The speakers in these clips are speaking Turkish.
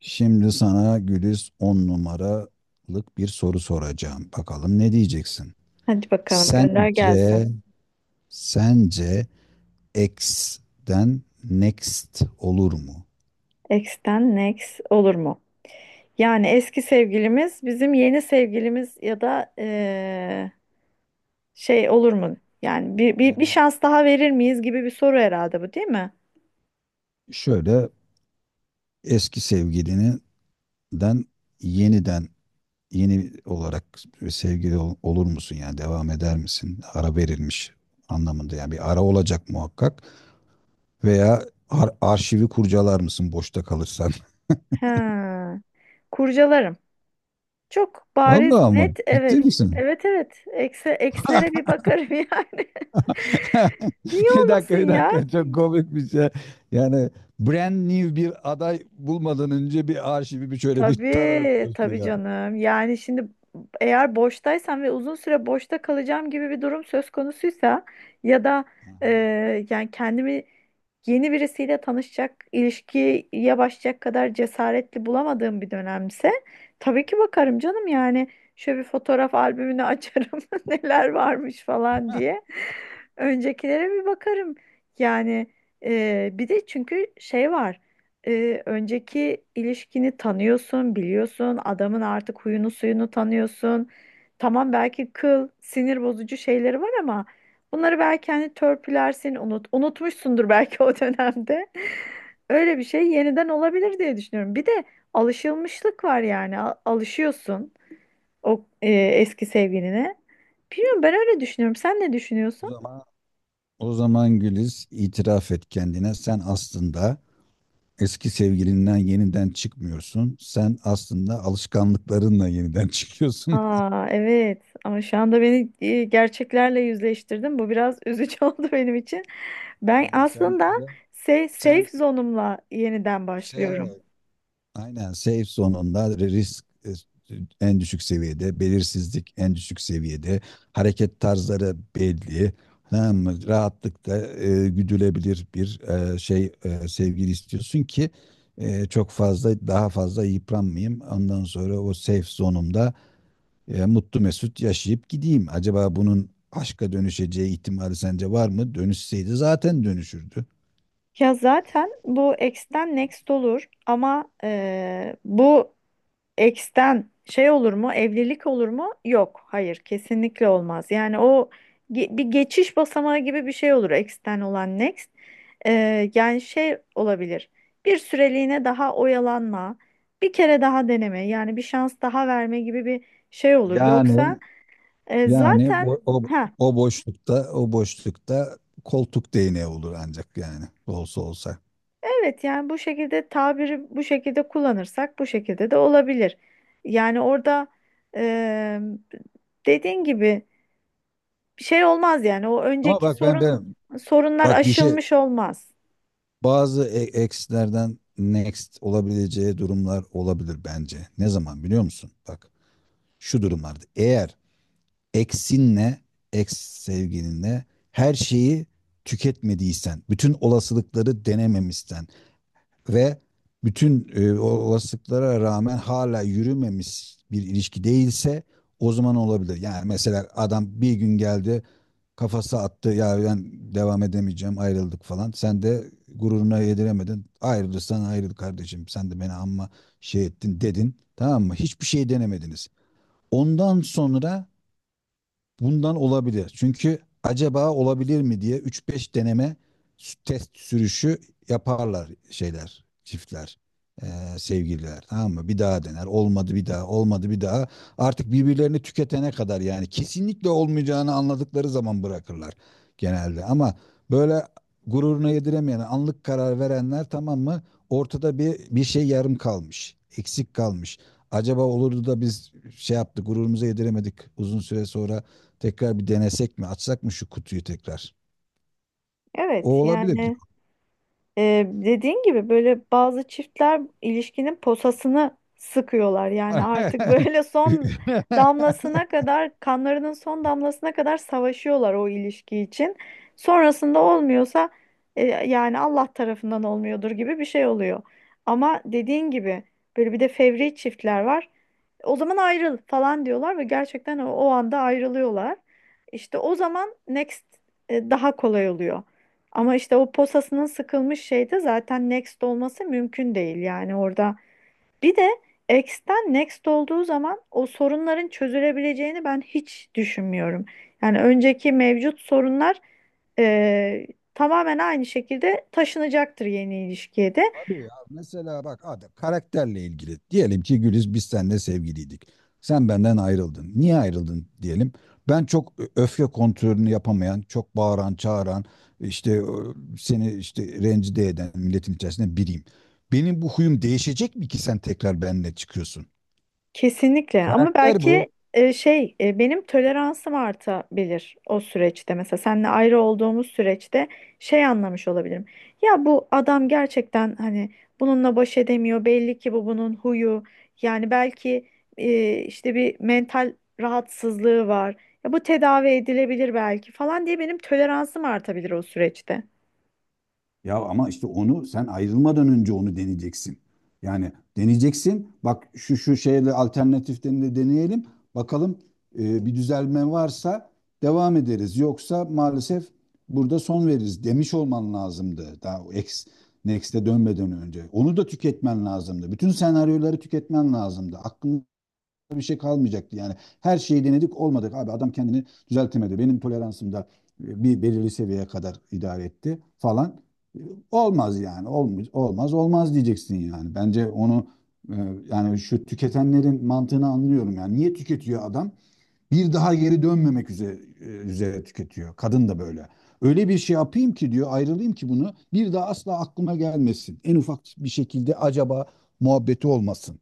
Şimdi sana Güliz 10 numaralık bir soru soracağım. Bakalım ne diyeceksin? Hadi bakalım gönder gelsin. Sence, sence X'den next olur mu? Ex'ten next olur mu? Yani eski sevgilimiz bizim yeni sevgilimiz ya da şey olur mu? Yani bir Yani şans daha verir miyiz gibi bir soru herhalde bu değil mi? şöyle eski sevgilininden yeniden yeni olarak sevgili olur musun? Yani devam eder misin? Ara verilmiş anlamında yani bir ara olacak muhakkak. Veya arşivi kurcalar mısın boşta kalırsan? Ha, kurcalarım. Çok bariz Vallahi ama net ciddi evet. misin? Evet evet. Ekslere bir bakarım yani. Niye Bir olmasın dakika, bir ya? dakika. Çok komik bir şey. Yani brand new bir aday bulmadan önce bir arşivi bir şöyle bir tararıp Tabii, diyorsun tabii ya. canım. Yani şimdi eğer boştaysam ve uzun süre boşta kalacağım gibi bir durum söz konusuysa ya da Hı e, hı. yani kendimi yeni birisiyle tanışacak, ilişkiye başlayacak kadar cesaretli bulamadığım bir dönemse tabii ki bakarım canım yani şöyle bir fotoğraf albümünü açarım neler varmış falan diye. Öncekilere bir bakarım. Yani bir de çünkü şey var, önceki ilişkini tanıyorsun, biliyorsun, adamın artık huyunu suyunu tanıyorsun. Tamam belki kıl, sinir bozucu şeyleri var ama bunları belki hani törpülersin, unutmuşsundur belki o dönemde. Öyle bir şey yeniden olabilir diye düşünüyorum. Bir de alışılmışlık var yani. Alışıyorsun o eski sevgiline. Bilmiyorum ben öyle düşünüyorum. Sen ne O düşünüyorsun? zaman o zaman Güliz itiraf et kendine. Sen aslında eski sevgilinden yeniden çıkmıyorsun. Sen aslında alışkanlıklarınla yeniden çıkıyorsun. Aa evet ama şu anda beni gerçeklerle yüzleştirdin. Bu biraz üzücü oldu benim için. Ben Yani sen aslında böyle sen safe zone'umla yeniden başlıyorum. şey aynen safe sonunda risk, en düşük seviyede, belirsizlik en düşük seviyede, hareket tarzları belli. Tamam mı? Rahatlıkla güdülebilir bir şey sevgili istiyorsun ki çok fazla daha fazla yıpranmayayım. Ondan sonra o safe zonumda mutlu mesut yaşayıp gideyim. Acaba bunun aşka dönüşeceği ihtimali sence var mı? Dönüşseydi zaten dönüşürdü. Ya zaten bu X'ten next olur ama bu Ex'ten şey olur mu? Evlilik olur mu? Yok. Hayır, kesinlikle olmaz. Yani o bir geçiş basamağı gibi bir şey olur Ex'ten olan next. Yani şey olabilir. Bir süreliğine daha oyalanma, bir kere daha deneme, yani bir şans daha verme gibi bir şey olur. Yani Yoksa Yani zaten bu, o, ha o boşlukta koltuk değneği olur ancak yani olsa olsa. evet yani bu şekilde tabiri bu şekilde kullanırsak bu şekilde de olabilir. Yani orada e, dediğin gibi bir şey olmaz yani. O Ama önceki bak ben sorun ben sorunlar bak bir şey aşılmış olmaz. bazı ex'lerden next olabileceği durumlar olabilir bence. Ne zaman biliyor musun? Bak şu durumlarda eğer ex'inle ex sevgilinle her şeyi tüketmediysen, bütün olasılıkları denememişsen, ve bütün olasılıklara rağmen hala yürümemiş bir ilişki değilse o zaman olabilir. Yani mesela adam bir gün geldi kafası attı ya ben devam edemeyeceğim ayrıldık falan. Sen de gururuna yediremedin. Ayrılırsan ayrıl kardeşim sen de beni amma şey ettin dedin tamam mı? Hiçbir şey denemediniz. Ondan sonra bundan olabilir. Çünkü acaba olabilir mi diye üç beş deneme test sürüşü yaparlar şeyler, çiftler, eee, sevgililer. Tamam mı? Bir daha dener. Olmadı bir daha, olmadı bir daha. Artık birbirlerini tüketene kadar yani kesinlikle olmayacağını anladıkları zaman bırakırlar genelde. Ama böyle gururuna yediremeyen, anlık karar verenler tamam mı? Ortada bir şey yarım kalmış, eksik kalmış. Acaba olurdu da biz şey yaptık, gururumuza yediremedik uzun süre sonra tekrar bir denesek mi? Açsak mı şu kutuyu tekrar? Evet O olabilir. yani dediğin gibi böyle bazı çiftler ilişkinin posasını sıkıyorlar. Yani artık böyle son damlasına kadar, kanlarının son damlasına kadar savaşıyorlar o ilişki için. Sonrasında olmuyorsa yani Allah tarafından olmuyordur gibi bir şey oluyor. Ama dediğin gibi böyle bir de fevri çiftler var. O zaman ayrıl falan diyorlar ve gerçekten o anda ayrılıyorlar. İşte o zaman next daha kolay oluyor. Ama işte o posasının sıkılmış şeyde zaten next olması mümkün değil yani orada. Bir de X'ten next olduğu zaman o sorunların çözülebileceğini ben hiç düşünmüyorum. Yani önceki mevcut sorunlar e, tamamen aynı şekilde taşınacaktır yeni ilişkiye de. Abi ya mesela bak adam karakterle ilgili. Diyelim ki Güliz biz seninle sevgiliydik. Sen benden ayrıldın. Niye ayrıldın diyelim. Ben çok öfke kontrolünü yapamayan, çok bağıran, çağıran, işte seni işte rencide eden milletin içerisinde biriyim. Benim bu huyum değişecek mi ki sen tekrar benimle çıkıyorsun? Kesinlikle ama Karakter belki bu. Benim toleransım artabilir o süreçte, mesela seninle ayrı olduğumuz süreçte şey anlamış olabilirim. Ya bu adam gerçekten hani bununla baş edemiyor belli ki bunun huyu yani belki işte bir mental rahatsızlığı var. Ya bu tedavi edilebilir belki falan diye benim toleransım artabilir o süreçte. Ya ama işte onu sen ayrılmadan önce onu deneyeceksin. Yani deneyeceksin. Bak şu şu şeyle alternatiflerini de deneyelim. Bakalım bir düzelme varsa devam ederiz. Yoksa maalesef burada son veririz demiş olman lazımdı. Daha o ex, next'e dönmeden önce. Onu da tüketmen lazımdı. Bütün senaryoları tüketmen lazımdı. Aklında bir şey kalmayacaktı yani. Her şeyi denedik olmadık abi adam kendini düzeltemedi. Benim toleransım da bir belirli seviyeye kadar idare etti falan. E, olmaz yani olmaz olmaz olmaz diyeceksin yani. Bence onu e, yani şu tüketenlerin mantığını anlıyorum yani. Niye tüketiyor adam? Bir daha geri dönmemek üzere tüketiyor. Kadın da böyle. Öyle bir şey yapayım ki diyor ayrılayım ki bunu bir daha asla aklıma gelmesin. En ufak bir şekilde acaba muhabbeti olmasın.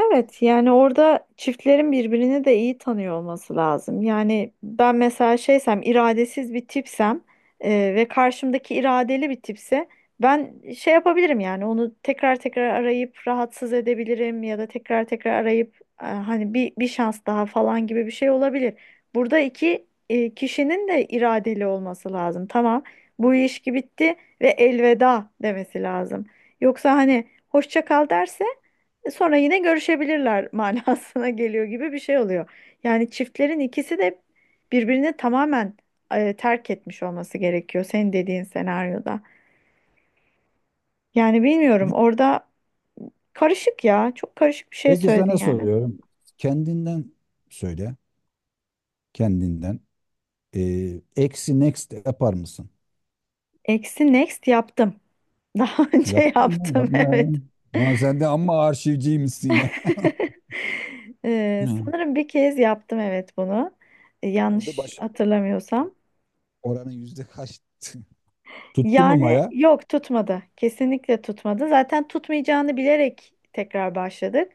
Evet yani orada çiftlerin birbirini de iyi tanıyor olması lazım. Yani ben mesela şeysem iradesiz bir tipsem, e, ve karşımdaki iradeli bir tipse ben şey yapabilirim yani onu tekrar tekrar arayıp rahatsız edebilirim ya da tekrar tekrar arayıp hani bir şans daha falan gibi bir şey olabilir. Burada iki kişinin de iradeli olması lazım. Tamam bu ilişki bitti ve elveda demesi lazım. Yoksa hani hoşça kal derse sonra yine görüşebilirler manasına geliyor gibi bir şey oluyor. Yani çiftlerin ikisi de birbirini tamamen terk etmiş olması gerekiyor senin dediğin senaryoda. Yani bilmiyorum orada karışık ya. Çok karışık bir şey Peki söyledin sana yani. soruyorum. Kendinden söyle. Kendinden. Eksi next yapar mısın? Eksi next yaptım. Daha önce Yaptın mı? yaptım Yapma ya. evet. Ulan sen de amma arşivciymişsin ya. Hı. Ne sanırım bir kez yaptım evet bunu. Oldu? Yanlış Başarı hatırlamıyorsam. oranı yüzde kaç? Tuttu mu Yani Maya? yok tutmadı. Kesinlikle tutmadı. Zaten tutmayacağını bilerek tekrar başladık.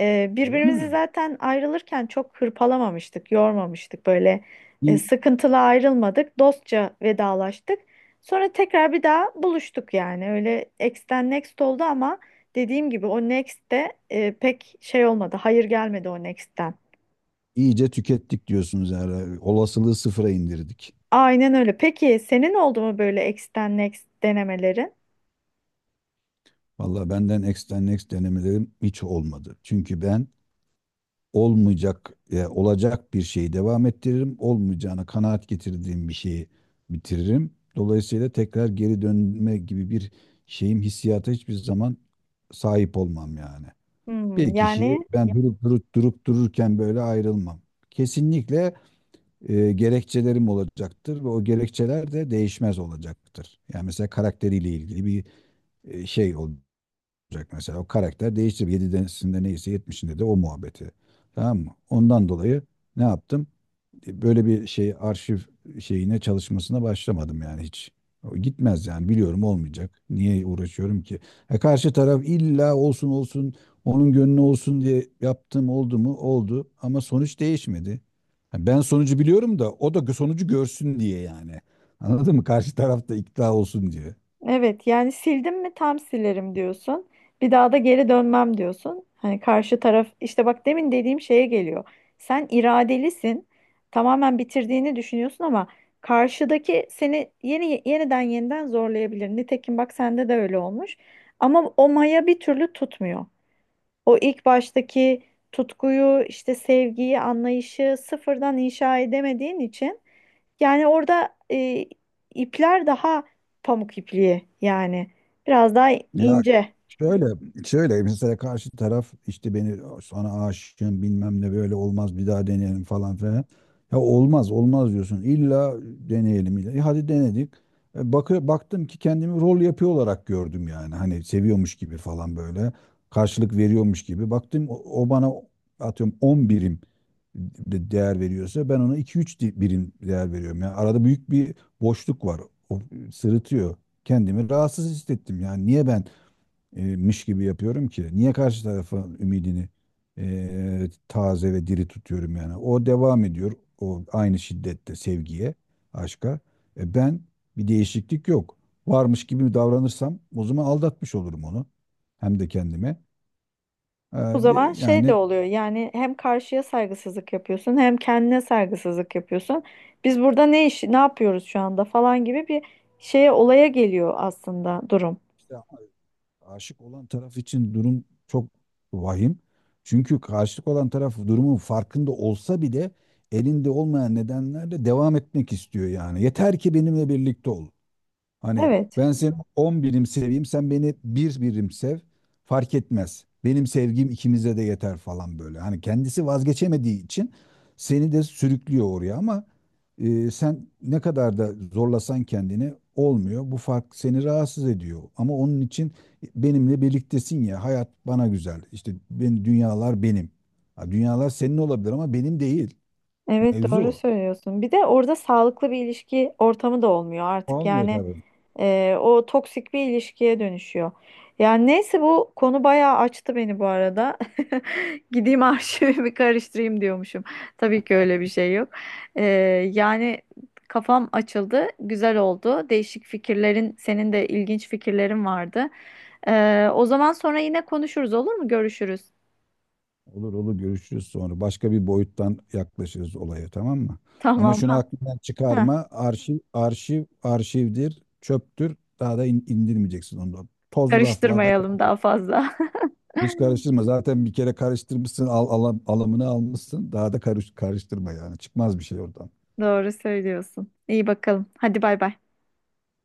Öyle Birbirimizi mi? zaten ayrılırken çok hırpalamamıştık, yormamıştık. Böyle İyi, sıkıntılı ayrılmadık. Dostça vedalaştık. Sonra tekrar bir daha buluştuk yani. Öyle X'ten next oldu ama dediğim gibi o next de pek şey olmadı. Hayır gelmedi o next'ten. iyice tükettik diyorsunuz yani. Olasılığı sıfıra indirdik. Aynen öyle. Peki senin oldu mu böyle X'ten Next denemelerin? Vallahi benden extra next denemelerim hiç olmadı. Çünkü ben olmayacak, olacak bir şeyi devam ettiririm. Olmayacağına kanaat getirdiğim bir şeyi bitiririm. Dolayısıyla tekrar geri dönme gibi bir şeyim hissiyata hiçbir zaman sahip olmam yani. Hmm, Bir kişiyi yani ben durup durup durup dururken böyle ayrılmam. Kesinlikle gerekçelerim olacaktır ve o gerekçeler de değişmez olacaktır. Yani mesela karakteriyle ilgili bir şey olacak mesela. O karakter değişti. 7'sinde neyse 70'inde de o muhabbeti. Tamam mı? Ondan dolayı ne yaptım? E, böyle bir şey arşiv şeyine çalışmasına başlamadım yani hiç. O gitmez yani biliyorum olmayacak. Niye uğraşıyorum ki? E karşı taraf illa olsun olsun onun gönlü olsun diye yaptım oldu mu? Oldu ama sonuç değişmedi. Ha, ben sonucu biliyorum da o da sonucu görsün diye yani. Anladın mı? Karşı taraf da ikna olsun diye. evet yani sildim mi tam silerim diyorsun. Bir daha da geri dönmem diyorsun. Hani karşı taraf işte bak demin dediğim şeye geliyor. Sen iradelisin. Tamamen bitirdiğini düşünüyorsun ama karşıdaki seni yeniden yeniden zorlayabilir. Nitekim bak sende de öyle olmuş. Ama o maya bir türlü tutmuyor. O ilk baştaki tutkuyu, işte sevgiyi, anlayışı sıfırdan inşa edemediğin için yani orada ipler daha pamuk ipliği yani biraz daha Ya ince. şöyle şöyle mesela karşı taraf işte beni sana aşığım bilmem ne böyle olmaz bir daha deneyelim falan filan. Ya olmaz olmaz diyorsun. İlla deneyelim. İlla. E hadi denedik. E bak, baktım ki kendimi rol yapıyor olarak gördüm yani. Hani seviyormuş gibi falan böyle. Karşılık veriyormuş gibi. Baktım o bana atıyorum 10 birim değer veriyorsa ben ona iki üç birim değer veriyorum. Yani arada büyük bir boşluk var. O sırıtıyor. Kendimi rahatsız hissettim. Yani niye ben miş gibi yapıyorum ki? Niye karşı tarafın ümidini taze ve diri tutuyorum yani? O devam ediyor. O aynı şiddette sevgiye, aşka. E ben bir değişiklik yok. Varmış gibi davranırsam o zaman aldatmış olurum onu. Hem de kendime. E, O zaman şey de yani oluyor yani hem karşıya saygısızlık yapıyorsun hem kendine saygısızlık yapıyorsun. Biz burada ne yapıyoruz şu anda falan gibi bir olaya geliyor aslında durum. işte aşık olan taraf için durum çok vahim. Çünkü karşılık olan taraf durumun farkında olsa bile elinde olmayan nedenlerle devam etmek istiyor yani. Yeter ki benimle birlikte ol. Hani Evet. ben seni 10 birim seveyim, sen beni 1 birim sev, fark etmez. Benim sevgim ikimize de yeter falan böyle. Hani kendisi vazgeçemediği için seni de sürüklüyor oraya ama sen ne kadar da zorlasan kendini olmuyor. Bu fark seni rahatsız ediyor. Ama onun için benimle birliktesin ya, hayat bana güzel. İşte ben, dünyalar benim. Ha, dünyalar senin olabilir ama benim değil. Evet Mevzu doğru o. söylüyorsun. Bir de orada sağlıklı bir ilişki ortamı da olmuyor artık. Olmuyor Yani tabii. O toksik bir ilişkiye dönüşüyor. Yani neyse bu konu bayağı açtı beni bu arada. Gideyim arşivimi karıştırayım diyormuşum. Tabii ki öyle bir şey yok. E, yani kafam açıldı. Güzel oldu. Değişik fikirlerin, senin de ilginç fikirlerin vardı. O zaman sonra yine konuşuruz olur mu? Görüşürüz. Olur olur görüşürüz sonra. Başka bir boyuttan yaklaşırız olaya tamam mı? Ama Tamam. şunu aklından Ha, ha. çıkarma. Arşiv, arşiv, arşivdir, çöptür. Daha da indirmeyeceksin onu da. Tozlu raflarda Karıştırmayalım daha fazla. hiç karıştırma. Zaten bir kere karıştırmışsın, alımını almışsın. Daha da karıştırma yani. Çıkmaz bir şey oradan. Doğru söylüyorsun. İyi bakalım. Hadi bay bay.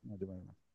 Hadi bay bay.